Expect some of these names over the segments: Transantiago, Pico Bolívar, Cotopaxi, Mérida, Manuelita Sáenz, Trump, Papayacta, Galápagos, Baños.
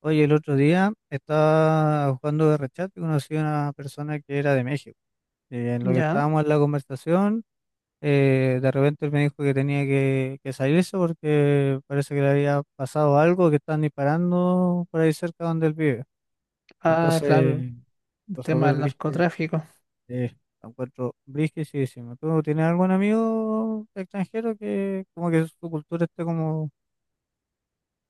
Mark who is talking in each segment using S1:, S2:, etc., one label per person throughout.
S1: Oye, el otro día estaba jugando de rechat y conocí a una persona que era de México. Y en lo que
S2: Ya.
S1: estábamos en la conversación, de repente él me dijo que tenía que salirse porque parece que le había pasado algo, que están disparando por ahí cerca donde él vive.
S2: Ah, claro,
S1: Entonces,
S2: el
S1: lo
S2: tema
S1: súper
S2: del
S1: brígido,
S2: narcotráfico.
S1: eh, lo encuentro brígidísimo. ¿Tú tienes algún amigo extranjero que como que su cultura esté como,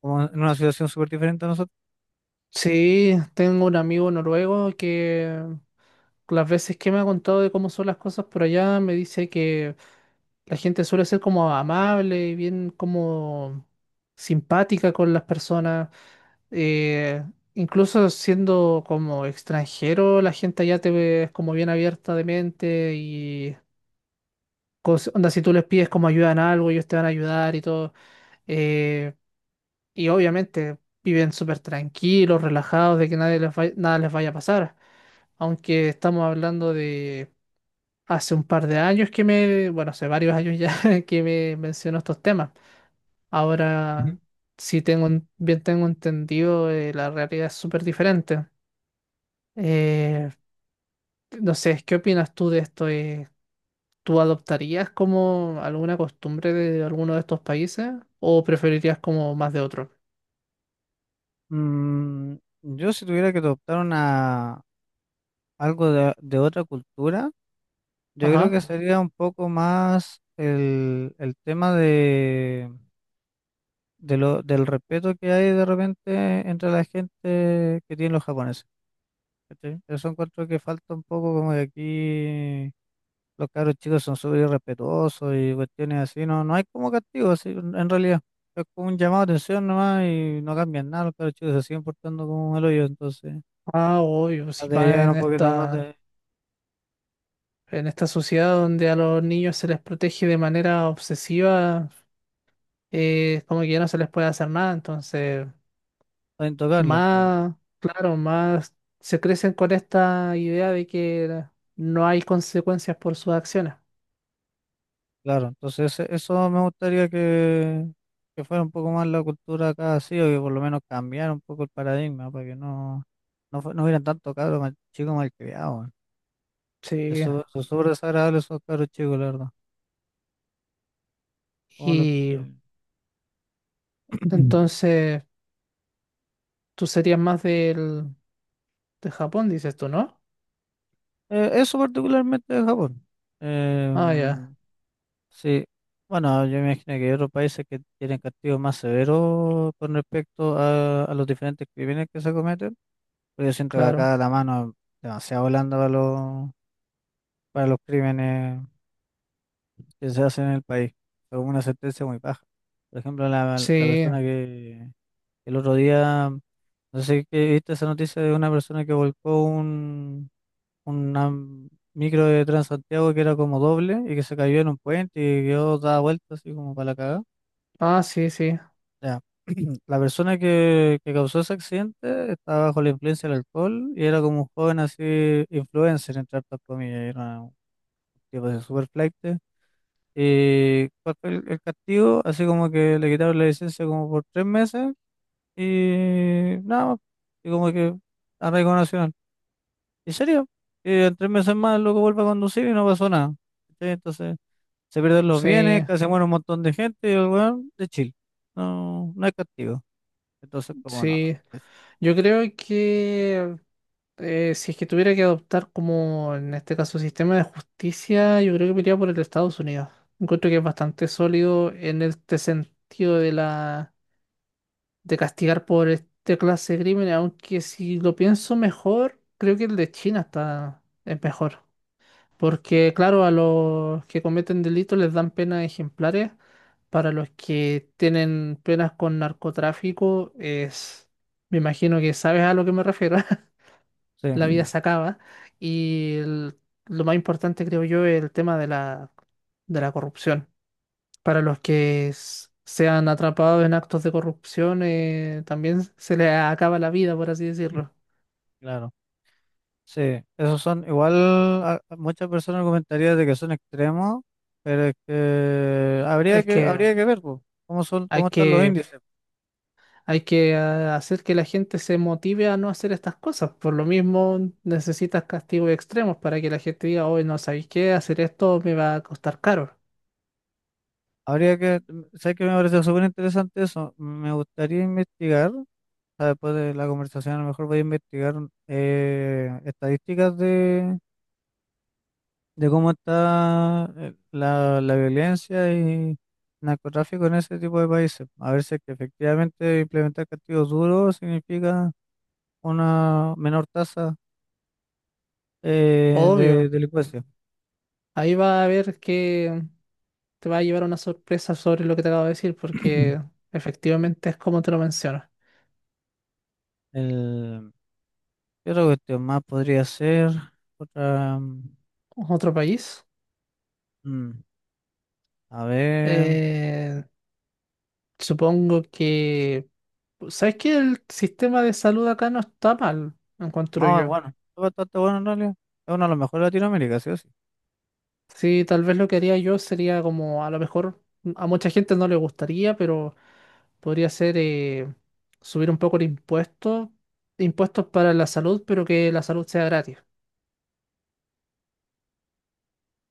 S1: como en una situación súper diferente a nosotros?
S2: Sí, tengo un amigo noruego que las veces que me ha contado de cómo son las cosas por allá, me dice que la gente suele ser como amable y bien como simpática con las personas. eh, Incluso siendo como extranjero, la gente allá te ve como bien abierta de mente y onda, si tú les pides como ayuda en algo, ellos te van a ayudar y todo. Eh, Y obviamente viven súper tranquilos, relajados, de que nadie les vaya- nada les vaya a pasar. Aunque estamos hablando de hace un par de años que bueno, hace varios años ya que me mencionó estos temas. Ahora, si bien tengo entendido, la realidad es súper diferente. Eh, no sé, ¿qué opinas tú de esto? ¿Tú adoptarías como alguna costumbre de alguno de estos países o preferirías como más de otro?
S1: Mm, yo si tuviera que adoptar una, algo de otra cultura, yo creo que
S2: Ajá.
S1: sería un poco más el tema de, del respeto que hay de repente entre la gente que tienen los japoneses. ¿Cachai? Eso encuentro que falta un poco como de aquí, los caros chicos son súper irrespetuosos y cuestiones así. No, no hay como castigo así, en realidad. Es como un llamado de atención nomás y no cambian nada, los caros chicos se siguen portando como el hoyo, entonces...
S2: Ah, obvio, si
S1: Debería
S2: va
S1: haber
S2: en
S1: un poquito más
S2: esta...
S1: de,
S2: En esta sociedad donde a los niños se les protege de manera obsesiva, como que ya no se les puede hacer nada. Entonces,
S1: Intocable, pues,
S2: más, claro, más se crecen con esta idea de que no hay consecuencias por sus acciones.
S1: claro. Entonces, eso me gustaría que fuera un poco más la cultura acá, así, o que por lo menos cambiara un poco el paradigma, para que no, no hubieran tanto cabros mal, chicos malcriados.
S2: Sí.
S1: Eso es súper desagradable, esos cabros chicos, la verdad. Como los
S2: Y
S1: que-
S2: entonces, tú serías más de Japón, dices tú, ¿no?
S1: Eso particularmente de Japón.
S2: Ah, ya,
S1: Em, sí, bueno, yo me imagino que hay otros países que tienen castigos más severos con respecto a los diferentes crímenes que se cometen. Porque yo siento que
S2: claro.
S1: acá la mano es demasiado blanda para los, crímenes que se hacen en el país. Es una sentencia muy baja. Por ejemplo, la
S2: Sí.
S1: persona que el otro día, no sé si que viste esa noticia de una persona que volcó una micro de Transantiago que era como doble y que se cayó en un puente y quedó dada vuelta así como para la cagada.
S2: Ah, sí, sí.
S1: Ya. La persona que causó ese accidente estaba bajo la influencia del alcohol y era como un joven así, influencer, entre hartas comillas. Era tipo de super flaite. Y ¿cuál fue el castigo? Así como que le quitaron la licencia como por 3 meses y nada más. Y como que arraigo nacional. ¿En serio? Y en 3 meses más el loco vuelve a conducir y no pasó nada. ¿Cachai? Entonces se pierden los bienes,
S2: Sí,
S1: casi muere un montón de gente y el weón de Chile. No, no hay castigo. Entonces, como no.
S2: sí.
S1: es-
S2: Yo creo que Si es que tuviera que adoptar como en este caso sistema de justicia, yo creo que me iría por el de Estados Unidos. Encuentro que es bastante sólido en este sentido de castigar por este clase de crímenes, aunque si lo pienso mejor, creo que el de China está es mejor, porque claro, a los que cometen delitos les dan penas ejemplares, para los que tienen penas con narcotráfico es, me imagino que sabes a lo que me refiero.
S1: Sí,
S2: La vida se acaba. Y el- lo más importante, creo yo, es el tema de de la corrupción. Para los que sean atrapados en actos de corrupción, también se les acaba la vida, por así decirlo.
S1: claro. Sí, esos son, igual a muchas personas comentarían de que son extremos, pero es que habría
S2: Es
S1: que,
S2: que
S1: habría que ver po, cómo son,
S2: hay
S1: cómo están los
S2: que,
S1: índices.
S2: hay que hacer que la gente se motive a no hacer estas cosas. Por lo mismo, necesitas castigos extremos para que la gente diga, hoy no sabéis qué, hacer esto me va a costar caro.
S1: Habría que, sé que me parece súper interesante eso, me gustaría investigar, o sea, después de la conversación a lo mejor voy a investigar estadísticas de, cómo está la violencia y narcotráfico en ese tipo de países, a ver si es que efectivamente implementar castigos duros significa una menor tasa de
S2: Obvio.
S1: delincuencia.
S2: Ahí va a haber que te va a llevar a una sorpresa sobre lo que te acabo de decir, porque efectivamente es como te lo mencionas.
S1: El, ¿Qué otra cuestión más podría ser? Otra,
S2: Otro país.
S1: mm, a ver.
S2: eh, Supongo que... ¿Sabes que el sistema de salud acá no está mal, encuentro
S1: No, es
S2: yo?
S1: bueno, es bastante bueno en realidad. Es uno de los mejores de Latinoamérica, sí o sí.
S2: Sí, tal vez lo que haría yo sería como, a lo mejor a mucha gente no le gustaría, pero podría ser subir un poco impuestos para la salud, pero que la salud sea gratis.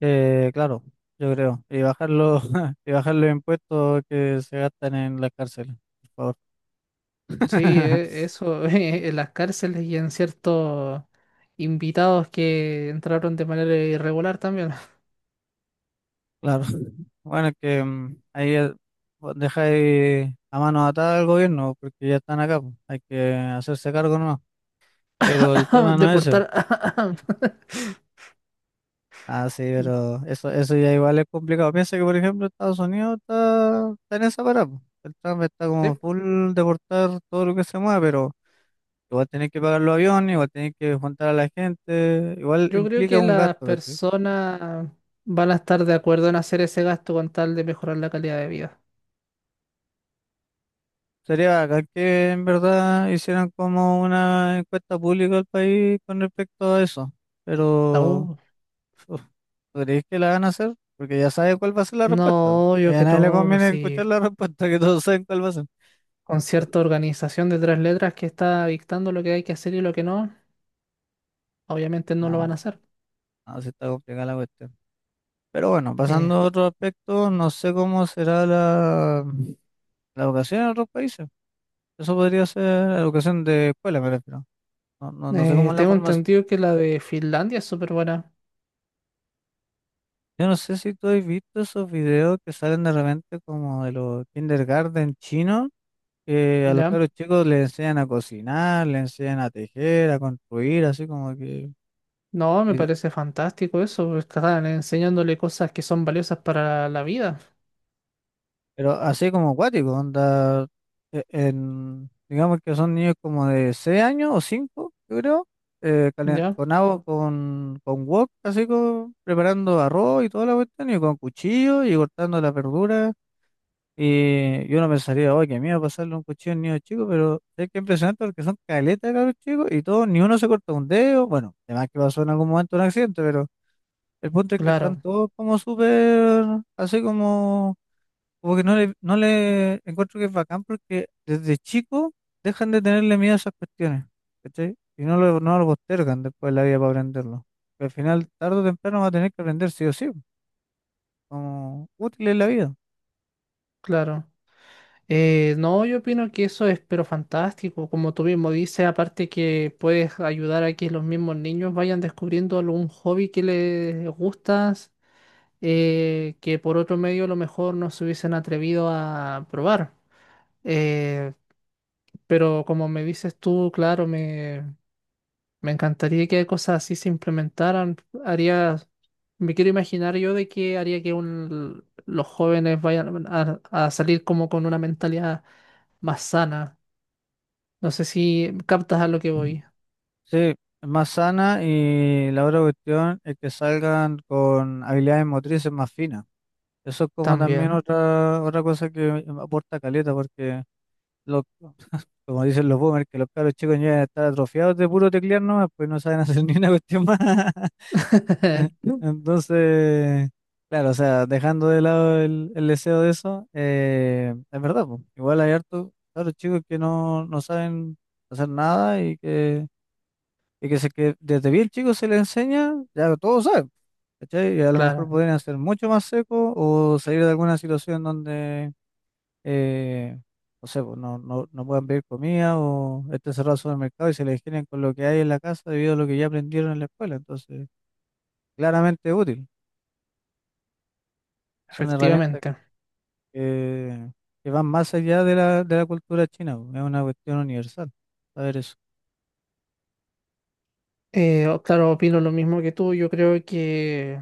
S1: Claro, yo creo. Y bajar los, y bajar los impuestos que se gastan en las cárceles, por favor.
S2: Sí, eso, en las cárceles y en ciertos invitados que entraron de manera irregular también.
S1: Claro. Bueno, es que ahí vos dejáis a mano atada al gobierno porque ya están acá, pues. Hay que hacerse cargo, no. Pero el tema no es ese.
S2: Deportar.
S1: Ah, sí, pero eso ya igual es complicado. Piensa que, por ejemplo, Estados Unidos está en esa parada, po. El Trump está como
S2: Sí,
S1: full deportar todo lo que se mueva, pero igual tenés que pagar los aviones, igual tenés que juntar a la gente, igual
S2: yo creo
S1: implica
S2: que
S1: un
S2: las
S1: gasto, ¿cachai?
S2: personas van a estar de acuerdo en hacer ese gasto con tal de mejorar la calidad de vida.
S1: Sería bacán que en verdad hicieran como una encuesta pública al país con respecto a eso, pero
S2: No,
S1: uf, ¿tú crees que la van a hacer? Porque ya sabe cuál va a ser la respuesta.
S2: no,
S1: Y
S2: yo
S1: a
S2: que
S1: nadie le
S2: no,
S1: conviene
S2: si
S1: escuchar la respuesta, que todos saben cuál va a ser.
S2: con cierta organización de tres letras que está dictando lo que hay que hacer y lo que no, obviamente no lo van
S1: No,
S2: a hacer.
S1: no, sí está complicada la cuestión. Pero bueno,
S2: Eh,
S1: pasando a otro aspecto, no sé cómo será la educación en otros países. Eso podría ser educación de escuela, me refiero. No, sé cómo es la
S2: Tengo
S1: formación.
S2: entendido que la de Finlandia es súper buena,
S1: Yo no sé si tú has visto esos videos que salen de repente como de los kindergarten chinos, que a los
S2: ¿ya?
S1: caros chicos les enseñan a cocinar, les enseñan a tejer, a construir, así como que.
S2: No, me
S1: Y de-
S2: parece fantástico eso, porque están enseñándole cosas que son valiosas para la vida,
S1: Pero así como acuático, onda, digamos que son niños como de 6 años o 5, yo creo,
S2: ¿ya?
S1: con agua, con wok, así como preparando arroz y toda la cuestión, y con cuchillo y cortando las verduras. Y yo no pensaría, oh, qué miedo pasarle un cuchillo a un niño chico, pero es que es impresionante porque son caletas de cabros chicos y todos, ni uno se corta un dedo. Bueno, además que pasó en algún momento un accidente, pero el punto es que
S2: Claro,
S1: están todos como súper, así como. Como que no le encuentro que es bacán porque desde chico dejan de tenerle miedo a esas cuestiones, ¿cachai? Y no lo postergan después de la vida para aprenderlo. Que al final, tarde o temprano, va a tener que aprender sí o sí, como útil en la vida.
S2: claro. No, yo opino que eso es pero fantástico, como tú mismo dices, aparte que puedes ayudar a que los mismos niños vayan descubriendo algún hobby que les gustas, que por otro medio a lo mejor no se hubiesen atrevido a probar. Eh, pero como me dices tú, claro, me... Me encantaría que cosas así se implementaran. Haría, Me quiero imaginar yo de que haría que los jóvenes vayan a salir como con una mentalidad más sana. No sé si captas a lo que voy.
S1: Sí, es más sana y la otra cuestión es que salgan con habilidades motrices más finas. Eso es como también
S2: También.
S1: otra, otra cosa que aporta caleta. Porque los Como dicen los boomers, que los caros chicos ya están atrofiados de puro teclear nomás, pues no saben hacer ni una cuestión más.
S2: No.
S1: Entonces, claro, o sea, dejando de lado el deseo de eso, es verdad, po, igual hay hartos caros chicos que no saben hacer nada, que desde bien chicos se les enseña, ya todos saben, ¿cachai? Y a lo mejor
S2: Claro,
S1: pueden hacer mucho más seco o salir de alguna situación donde eh, no sé, pues, no puedan pedir comida o esté cerrado el supermercado y se les generen con lo que hay en la casa debido a lo que ya aprendieron en la escuela. Entonces, claramente es útil. Son herramientas
S2: efectivamente.
S1: que, que van más allá de de la cultura china, pues. Es una cuestión universal. Saber eso.
S2: Claro, opino lo mismo que tú. Yo creo que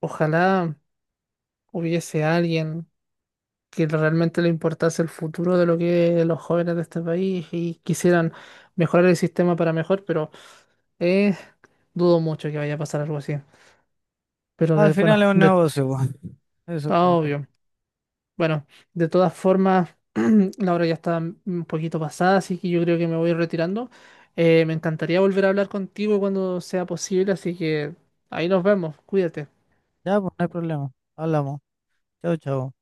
S2: ojalá hubiese alguien que realmente le importase el futuro de lo que los jóvenes de este país y quisieran mejorar el sistema para mejor, pero Eh, dudo mucho que vaya a pasar algo así. Pero
S1: Al
S2: bueno,
S1: final es un
S2: de,
S1: negocio, pues, Eso es
S2: ah,
S1: como todo.
S2: obvio. Bueno, de todas formas, la hora ya está un poquito pasada, así que yo creo que me voy retirando. Me encantaría volver a hablar contigo cuando sea posible, así que ahí nos vemos. Cuídate.
S1: Ya, pues no hay problema. Hablamos. Chao, chao.